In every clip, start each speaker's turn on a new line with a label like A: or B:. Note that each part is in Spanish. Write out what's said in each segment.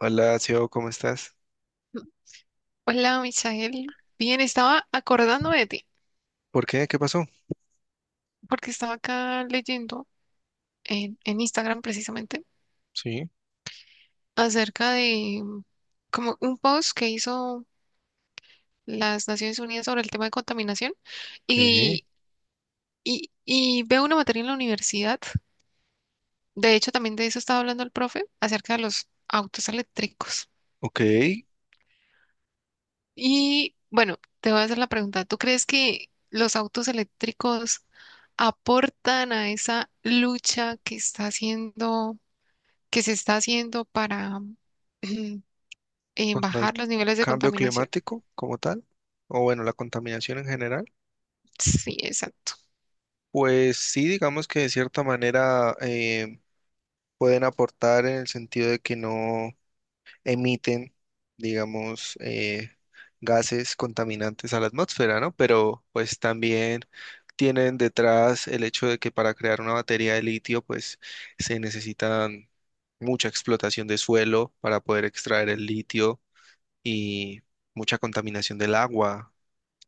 A: Hola, Sio, ¿cómo estás?
B: Hola, Misael. Bien, estaba acordando de ti,
A: ¿Por qué? ¿Qué pasó?
B: porque estaba acá leyendo en Instagram precisamente
A: Sí,
B: acerca de como un post que hizo las Naciones Unidas sobre el tema de contaminación
A: ok,
B: y, y veo una materia en la universidad. De hecho, también de eso estaba hablando el profe, acerca de los autos eléctricos.
A: ok.
B: Y bueno, te voy a hacer la pregunta. ¿Tú crees que los autos eléctricos aportan a esa lucha que está haciendo, que se está haciendo para
A: ¿Contra el
B: bajar los niveles de
A: cambio
B: contaminación?
A: climático como tal? O bueno, la contaminación en general.
B: Sí, exacto.
A: Pues sí, digamos que de cierta manera pueden aportar en el sentido de que no emiten, digamos, gases contaminantes a la atmósfera, ¿no? Pero pues también tienen detrás el hecho de que para crear una batería de litio, pues se necesitan mucha explotación de suelo para poder extraer el litio y mucha contaminación del agua.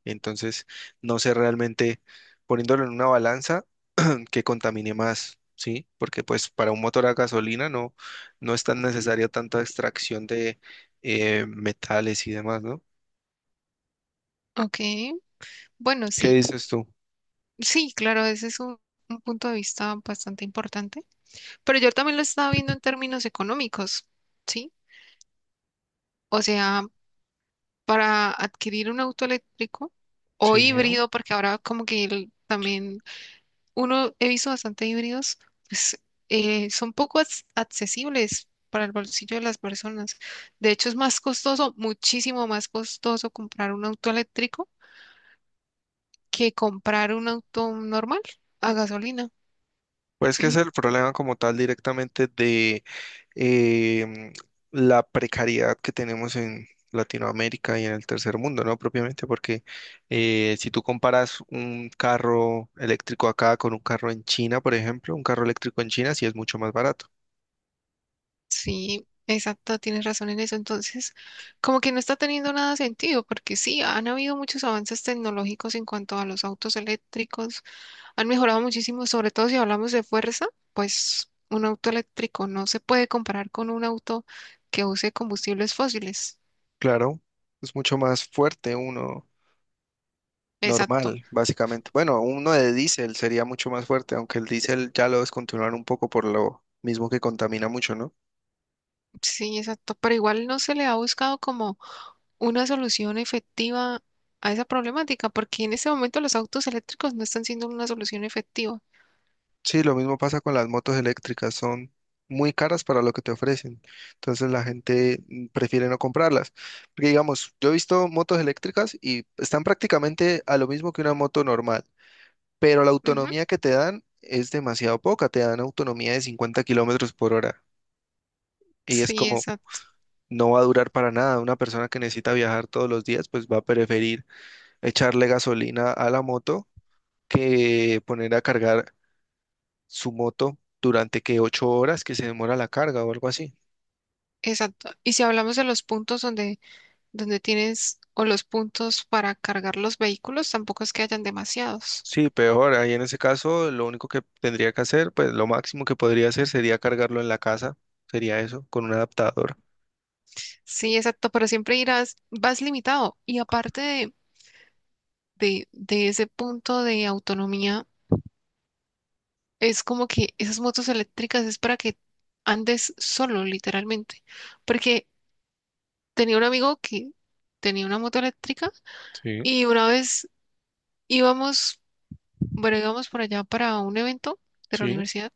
A: Entonces, no sé realmente, poniéndolo en una balanza, que contamine más, ¿sí? Porque pues para un motor a gasolina no, no es tan necesaria tanta extracción de metales y demás, ¿no?
B: Ok. Bueno,
A: ¿Qué
B: sí,
A: dices tú?
B: sí, claro, ese es un punto de vista bastante importante. Pero yo también lo estaba viendo en términos económicos, ¿sí? O sea, para adquirir un auto eléctrico o
A: Sí, ¿no?
B: híbrido, porque ahora como que también uno he visto bastante híbridos, pues son poco accesibles para el bolsillo de las personas. De hecho, es más costoso, muchísimo más costoso comprar un auto eléctrico que comprar un auto normal a gasolina.
A: Pues que es el problema como tal directamente de em, la precariedad que tenemos en Latinoamérica y en el tercer mundo, ¿no? Propiamente porque si tú comparas un carro eléctrico acá con un carro en China, por ejemplo, un carro eléctrico en China sí es mucho más barato.
B: Sí, exacto, tienes razón en eso. Entonces, como que no está teniendo nada sentido, porque sí, han habido muchos avances tecnológicos en cuanto a los autos eléctricos. Han mejorado muchísimo, sobre todo si hablamos de fuerza, pues un auto eléctrico no se puede comparar con un auto que use combustibles fósiles.
A: Claro, es mucho más fuerte uno
B: Exacto,
A: normal, básicamente. Bueno, uno de diésel sería mucho más fuerte, aunque el diésel ya lo descontinuaron un poco por lo mismo que contamina mucho, ¿no?
B: sí, exacto, pero igual no se le ha buscado como una solución efectiva a esa problemática, porque en este momento los autos eléctricos no están siendo una solución efectiva.
A: Sí, lo mismo pasa con las motos eléctricas, son muy caras para lo que te ofrecen, entonces la gente prefiere no comprarlas. Porque digamos, yo he visto motos eléctricas y están prácticamente a lo mismo que una moto normal, pero la
B: Ujú.
A: autonomía que te dan es demasiado poca, te dan autonomía de 50 kilómetros por hora y es
B: Sí,
A: como
B: exacto,
A: no va a durar para nada. Una persona que necesita viajar todos los días, pues va a preferir echarle gasolina a la moto que poner a cargar su moto durante que 8 horas que se demora la carga o algo así.
B: exacto. Y si hablamos de los puntos donde tienes o los puntos para cargar los vehículos, tampoco es que hayan demasiados.
A: Sí, peor. Ahí en ese caso, lo único que tendría que hacer, pues lo máximo que podría hacer sería cargarlo en la casa. Sería eso, con un adaptador.
B: Sí, exacto, pero siempre irás, vas limitado. Y aparte de ese punto de autonomía, es como que esas motos eléctricas es para que andes solo, literalmente. Porque tenía un amigo que tenía una moto eléctrica
A: Sí,
B: y una vez íbamos, bueno, íbamos por allá para un evento de la
A: sí.
B: universidad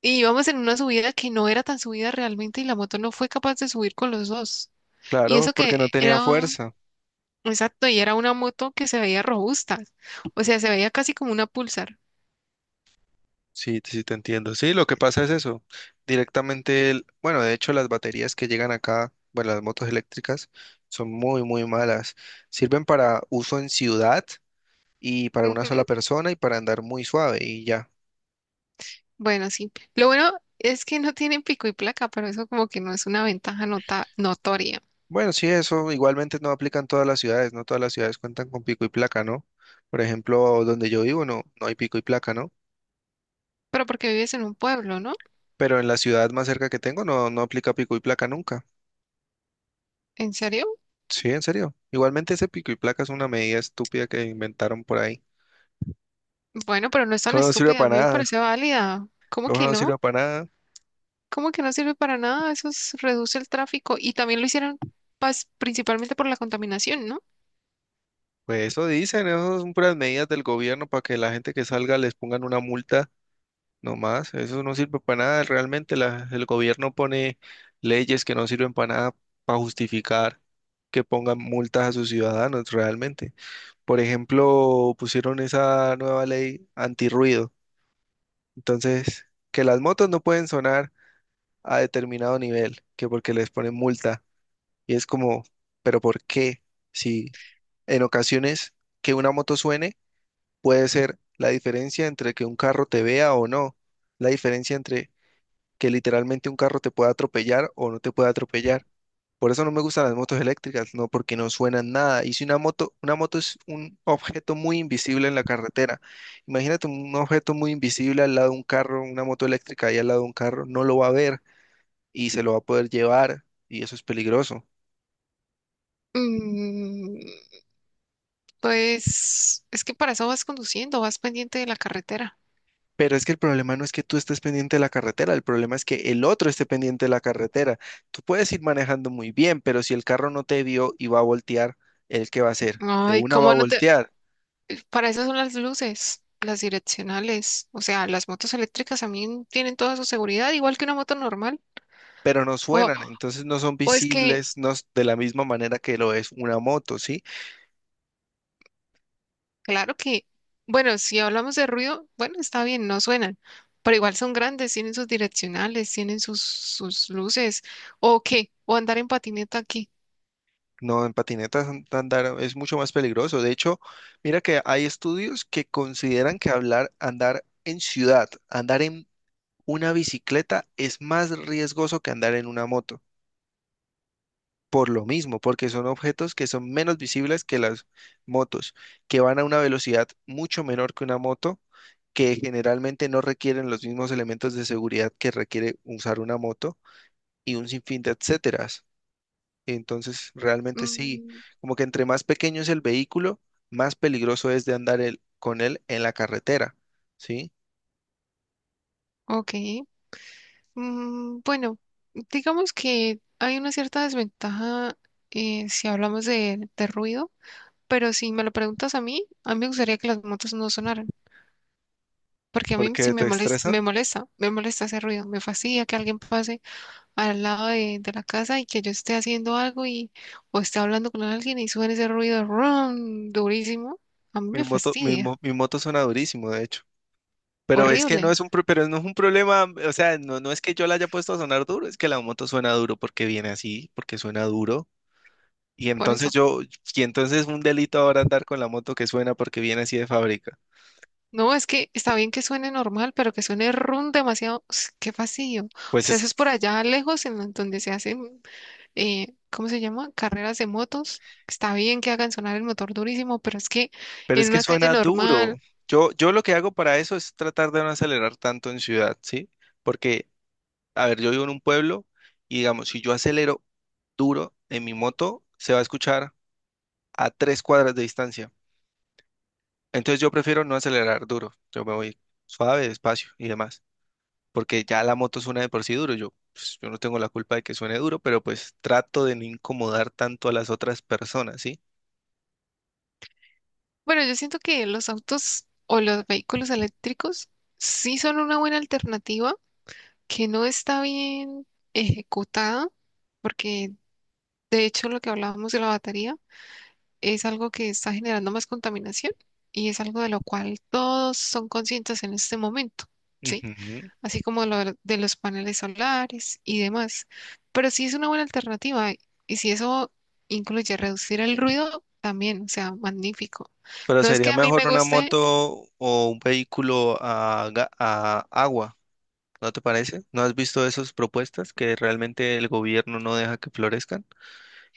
B: y íbamos en una subida que no era tan subida realmente y la moto no fue capaz de subir con los dos. Y
A: Claro,
B: eso que
A: porque no tenía
B: era...
A: fuerza.
B: Exacto, y era una moto que se veía robusta, o sea, se veía casi como una Pulsar.
A: Sí, sí te entiendo. Sí, lo que pasa es eso. Directamente, bueno, de hecho las baterías que llegan acá, bueno, las motos eléctricas, son muy, muy malas. Sirven para uso en ciudad y para una
B: Ujú.
A: sola persona y para andar muy suave y ya.
B: Bueno, sí. Lo bueno es que no tienen pico y placa, pero eso como que no es una ventaja nota notoria.
A: Bueno, sí, eso igualmente no aplica en todas las ciudades, no todas las ciudades cuentan con pico y placa, ¿no? Por ejemplo, donde yo vivo no, no hay pico y placa, ¿no?
B: Pero porque vives en un pueblo, ¿no?
A: Pero en la ciudad más cerca que tengo no, no aplica pico y placa nunca.
B: ¿En serio?
A: Sí, en serio. Igualmente ese pico y placa es una medida estúpida que inventaron por ahí.
B: Bueno, pero no es tan
A: ¿Cómo no sirve
B: estúpida, a
A: para
B: mí me parece
A: nada?
B: válida. ¿Cómo
A: ¿Cómo
B: que
A: no
B: no?
A: sirve para nada?
B: ¿Cómo que no sirve para nada? Reduce el tráfico y también lo hicieron principalmente por la contaminación, ¿no?
A: Pues eso dicen, eso son puras medidas del gobierno para que la gente que salga les pongan una multa. No más, eso no sirve para nada. Realmente el gobierno pone leyes que no sirven para nada para justificar que pongan multas a sus ciudadanos realmente. Por ejemplo, pusieron esa nueva ley antirruido. Entonces, que las motos no pueden sonar a determinado nivel, que porque les ponen multa. Y es como, ¿pero por qué? Si en ocasiones que una moto suene puede ser la diferencia entre que un carro te vea o no, la diferencia entre que literalmente un carro te pueda atropellar o no te pueda atropellar. Por eso no me gustan las motos eléctricas, no porque no suenan nada. Y si una moto es un objeto muy invisible en la carretera. Imagínate un objeto muy invisible al lado de un carro, una moto eléctrica ahí al lado de un carro, no lo va a ver y se lo va a poder llevar y eso es peligroso.
B: Mm, pues es que para eso vas conduciendo, vas pendiente de la carretera.
A: Pero es que el problema no es que tú estés pendiente de la carretera, el problema es que el otro esté pendiente de la carretera. Tú puedes ir manejando muy bien, pero si el carro no te vio y va a voltear, ¿el qué va a hacer? De
B: Ay,
A: una va a
B: ¿cómo no te...?
A: voltear.
B: Para eso son las luces, las direccionales. O sea, las motos eléctricas también tienen toda su seguridad, igual que una moto normal.
A: Pero no
B: O,
A: suenan, entonces no son
B: o es que,
A: visibles, no s- de la misma manera que lo es una moto, ¿sí?
B: claro que, bueno, si hablamos de ruido, bueno, está bien, no suenan, pero igual son grandes, tienen sus direccionales, tienen sus luces. ¿O qué? ¿O andar en patineta aquí?
A: No, en patinetas andar es mucho más peligroso. De hecho, mira que hay estudios que consideran que hablar, andar en ciudad, andar en una bicicleta es más riesgoso que andar en una moto. Por lo mismo, porque son objetos que son menos visibles que las motos, que van a una velocidad mucho menor que una moto, que generalmente no requieren los mismos elementos de seguridad que requiere usar una moto y un sinfín de etcéteras. Entonces, realmente sí,
B: Mm,
A: como que entre más pequeño es el vehículo, más peligroso es de andar con él en la carretera, ¿sí?
B: ok. Mm, bueno, digamos que hay una cierta desventaja si hablamos de ruido. Pero si me lo preguntas a mí me gustaría que las motos no sonaran, porque a mí sí
A: Porque
B: me
A: te
B: molesta, me
A: estresan.
B: molesta, me molesta ese ruido, me fastidia que alguien pase al lado de la casa y que yo esté haciendo algo y o esté hablando con alguien y suene ese ruido ron durísimo, a mí
A: Mi
B: me
A: moto,
B: fastidia,
A: mi moto suena durísimo, de hecho. Pero es que no
B: horrible,
A: es un, pero no es un problema, o sea, no, no es que yo la haya puesto a sonar duro, es que la moto suena duro porque viene así, porque suena duro. Y
B: por
A: entonces
B: eso.
A: yo, y entonces un delito ahora andar con la moto que suena porque viene así de fábrica.
B: No, es que está bien que suene normal, pero que suene ron demasiado, qué fastidio. O
A: Pues
B: sea,
A: es
B: eso es por allá lejos en donde se hace ¿cómo se llama? Carreras de motos. Está bien que hagan sonar el motor durísimo, pero es que
A: Pero
B: en
A: es que
B: una calle
A: suena duro.
B: normal,
A: Yo lo que hago para eso es tratar de no acelerar tanto en ciudad, ¿sí? Porque, a ver, yo vivo en un pueblo y digamos, si yo acelero duro en mi moto, se va a escuchar a 3 cuadras de distancia. Entonces yo prefiero no acelerar duro. Yo me voy suave, despacio y demás. Porque ya la moto suena de por sí duro. Yo, pues, yo no tengo la culpa de que suene duro, pero pues trato de no incomodar tanto a las otras personas, ¿sí?
B: bueno, yo siento que los autos o los vehículos eléctricos sí son una buena alternativa que no está bien ejecutada, porque de hecho lo que hablábamos de la batería es algo que está generando más contaminación y es algo de lo cual todos son conscientes en este momento, ¿sí?
A: Ujú.
B: Así como lo de los paneles solares y demás. Pero sí es una buena alternativa y si eso incluye reducir el ruido, también, o sea, magnífico.
A: Pero
B: No es que
A: sería
B: a mí
A: mejor
B: me
A: una
B: guste,
A: moto o un vehículo a agua, ¿no te parece? ¿No has visto esas propuestas que realmente el gobierno no deja que florezcan?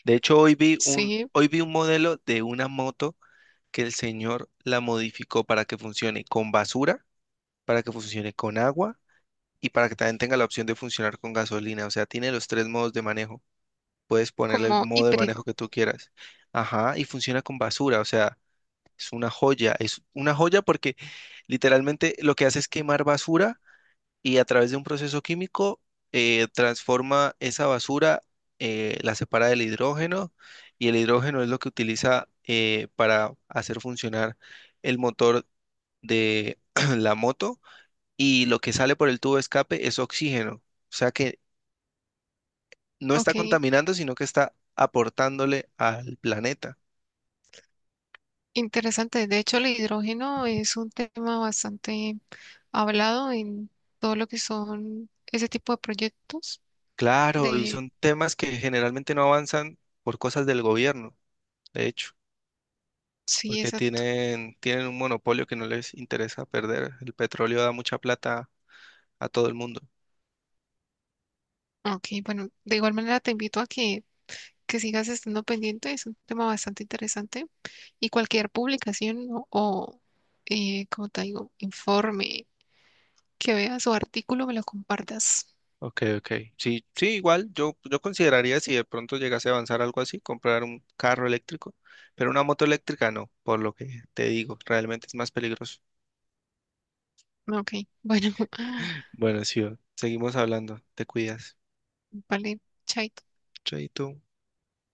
A: De hecho,
B: sí,
A: hoy vi un modelo de una moto que el señor la modificó para que funcione con basura, para que funcione con agua y para que también tenga la opción de funcionar con gasolina. O sea, tiene los tres modos de manejo. Puedes ponerle el
B: como
A: modo de manejo
B: híbrido,
A: que tú quieras. Ajá, y funciona con basura, o sea. Es una joya porque literalmente lo que hace es quemar basura y a través de un proceso químico transforma esa basura, la separa del hidrógeno y el hidrógeno es lo que utiliza para hacer funcionar el motor de la moto y lo que sale por el tubo de escape es oxígeno. O sea que no está
B: ok.
A: contaminando, sino que está aportándole al planeta.
B: Interesante. De hecho, el hidrógeno es un tema bastante hablado en todo lo que son ese tipo de proyectos
A: Claro, y
B: de...
A: son temas que generalmente no avanzan por cosas del gobierno. De hecho,
B: Sí,
A: porque
B: exacto.
A: tienen un monopolio que no les interesa perder. El petróleo da mucha plata a todo el mundo.
B: Ok, bueno, de igual manera te invito que sigas estando pendiente. Es un tema bastante interesante. Y cualquier publicación, ¿no? O, como te digo, informe que veas o artículo me lo compartas.
A: Ok, ok. Sí, sí, igual yo consideraría si de pronto llegase a avanzar algo así, comprar un carro eléctrico, pero una moto eléctrica no, por lo que te digo, realmente es más peligroso.
B: Ok, bueno,
A: Bueno, sí, va. Seguimos hablando, te cuidas.
B: vale, chaito.
A: Chaito.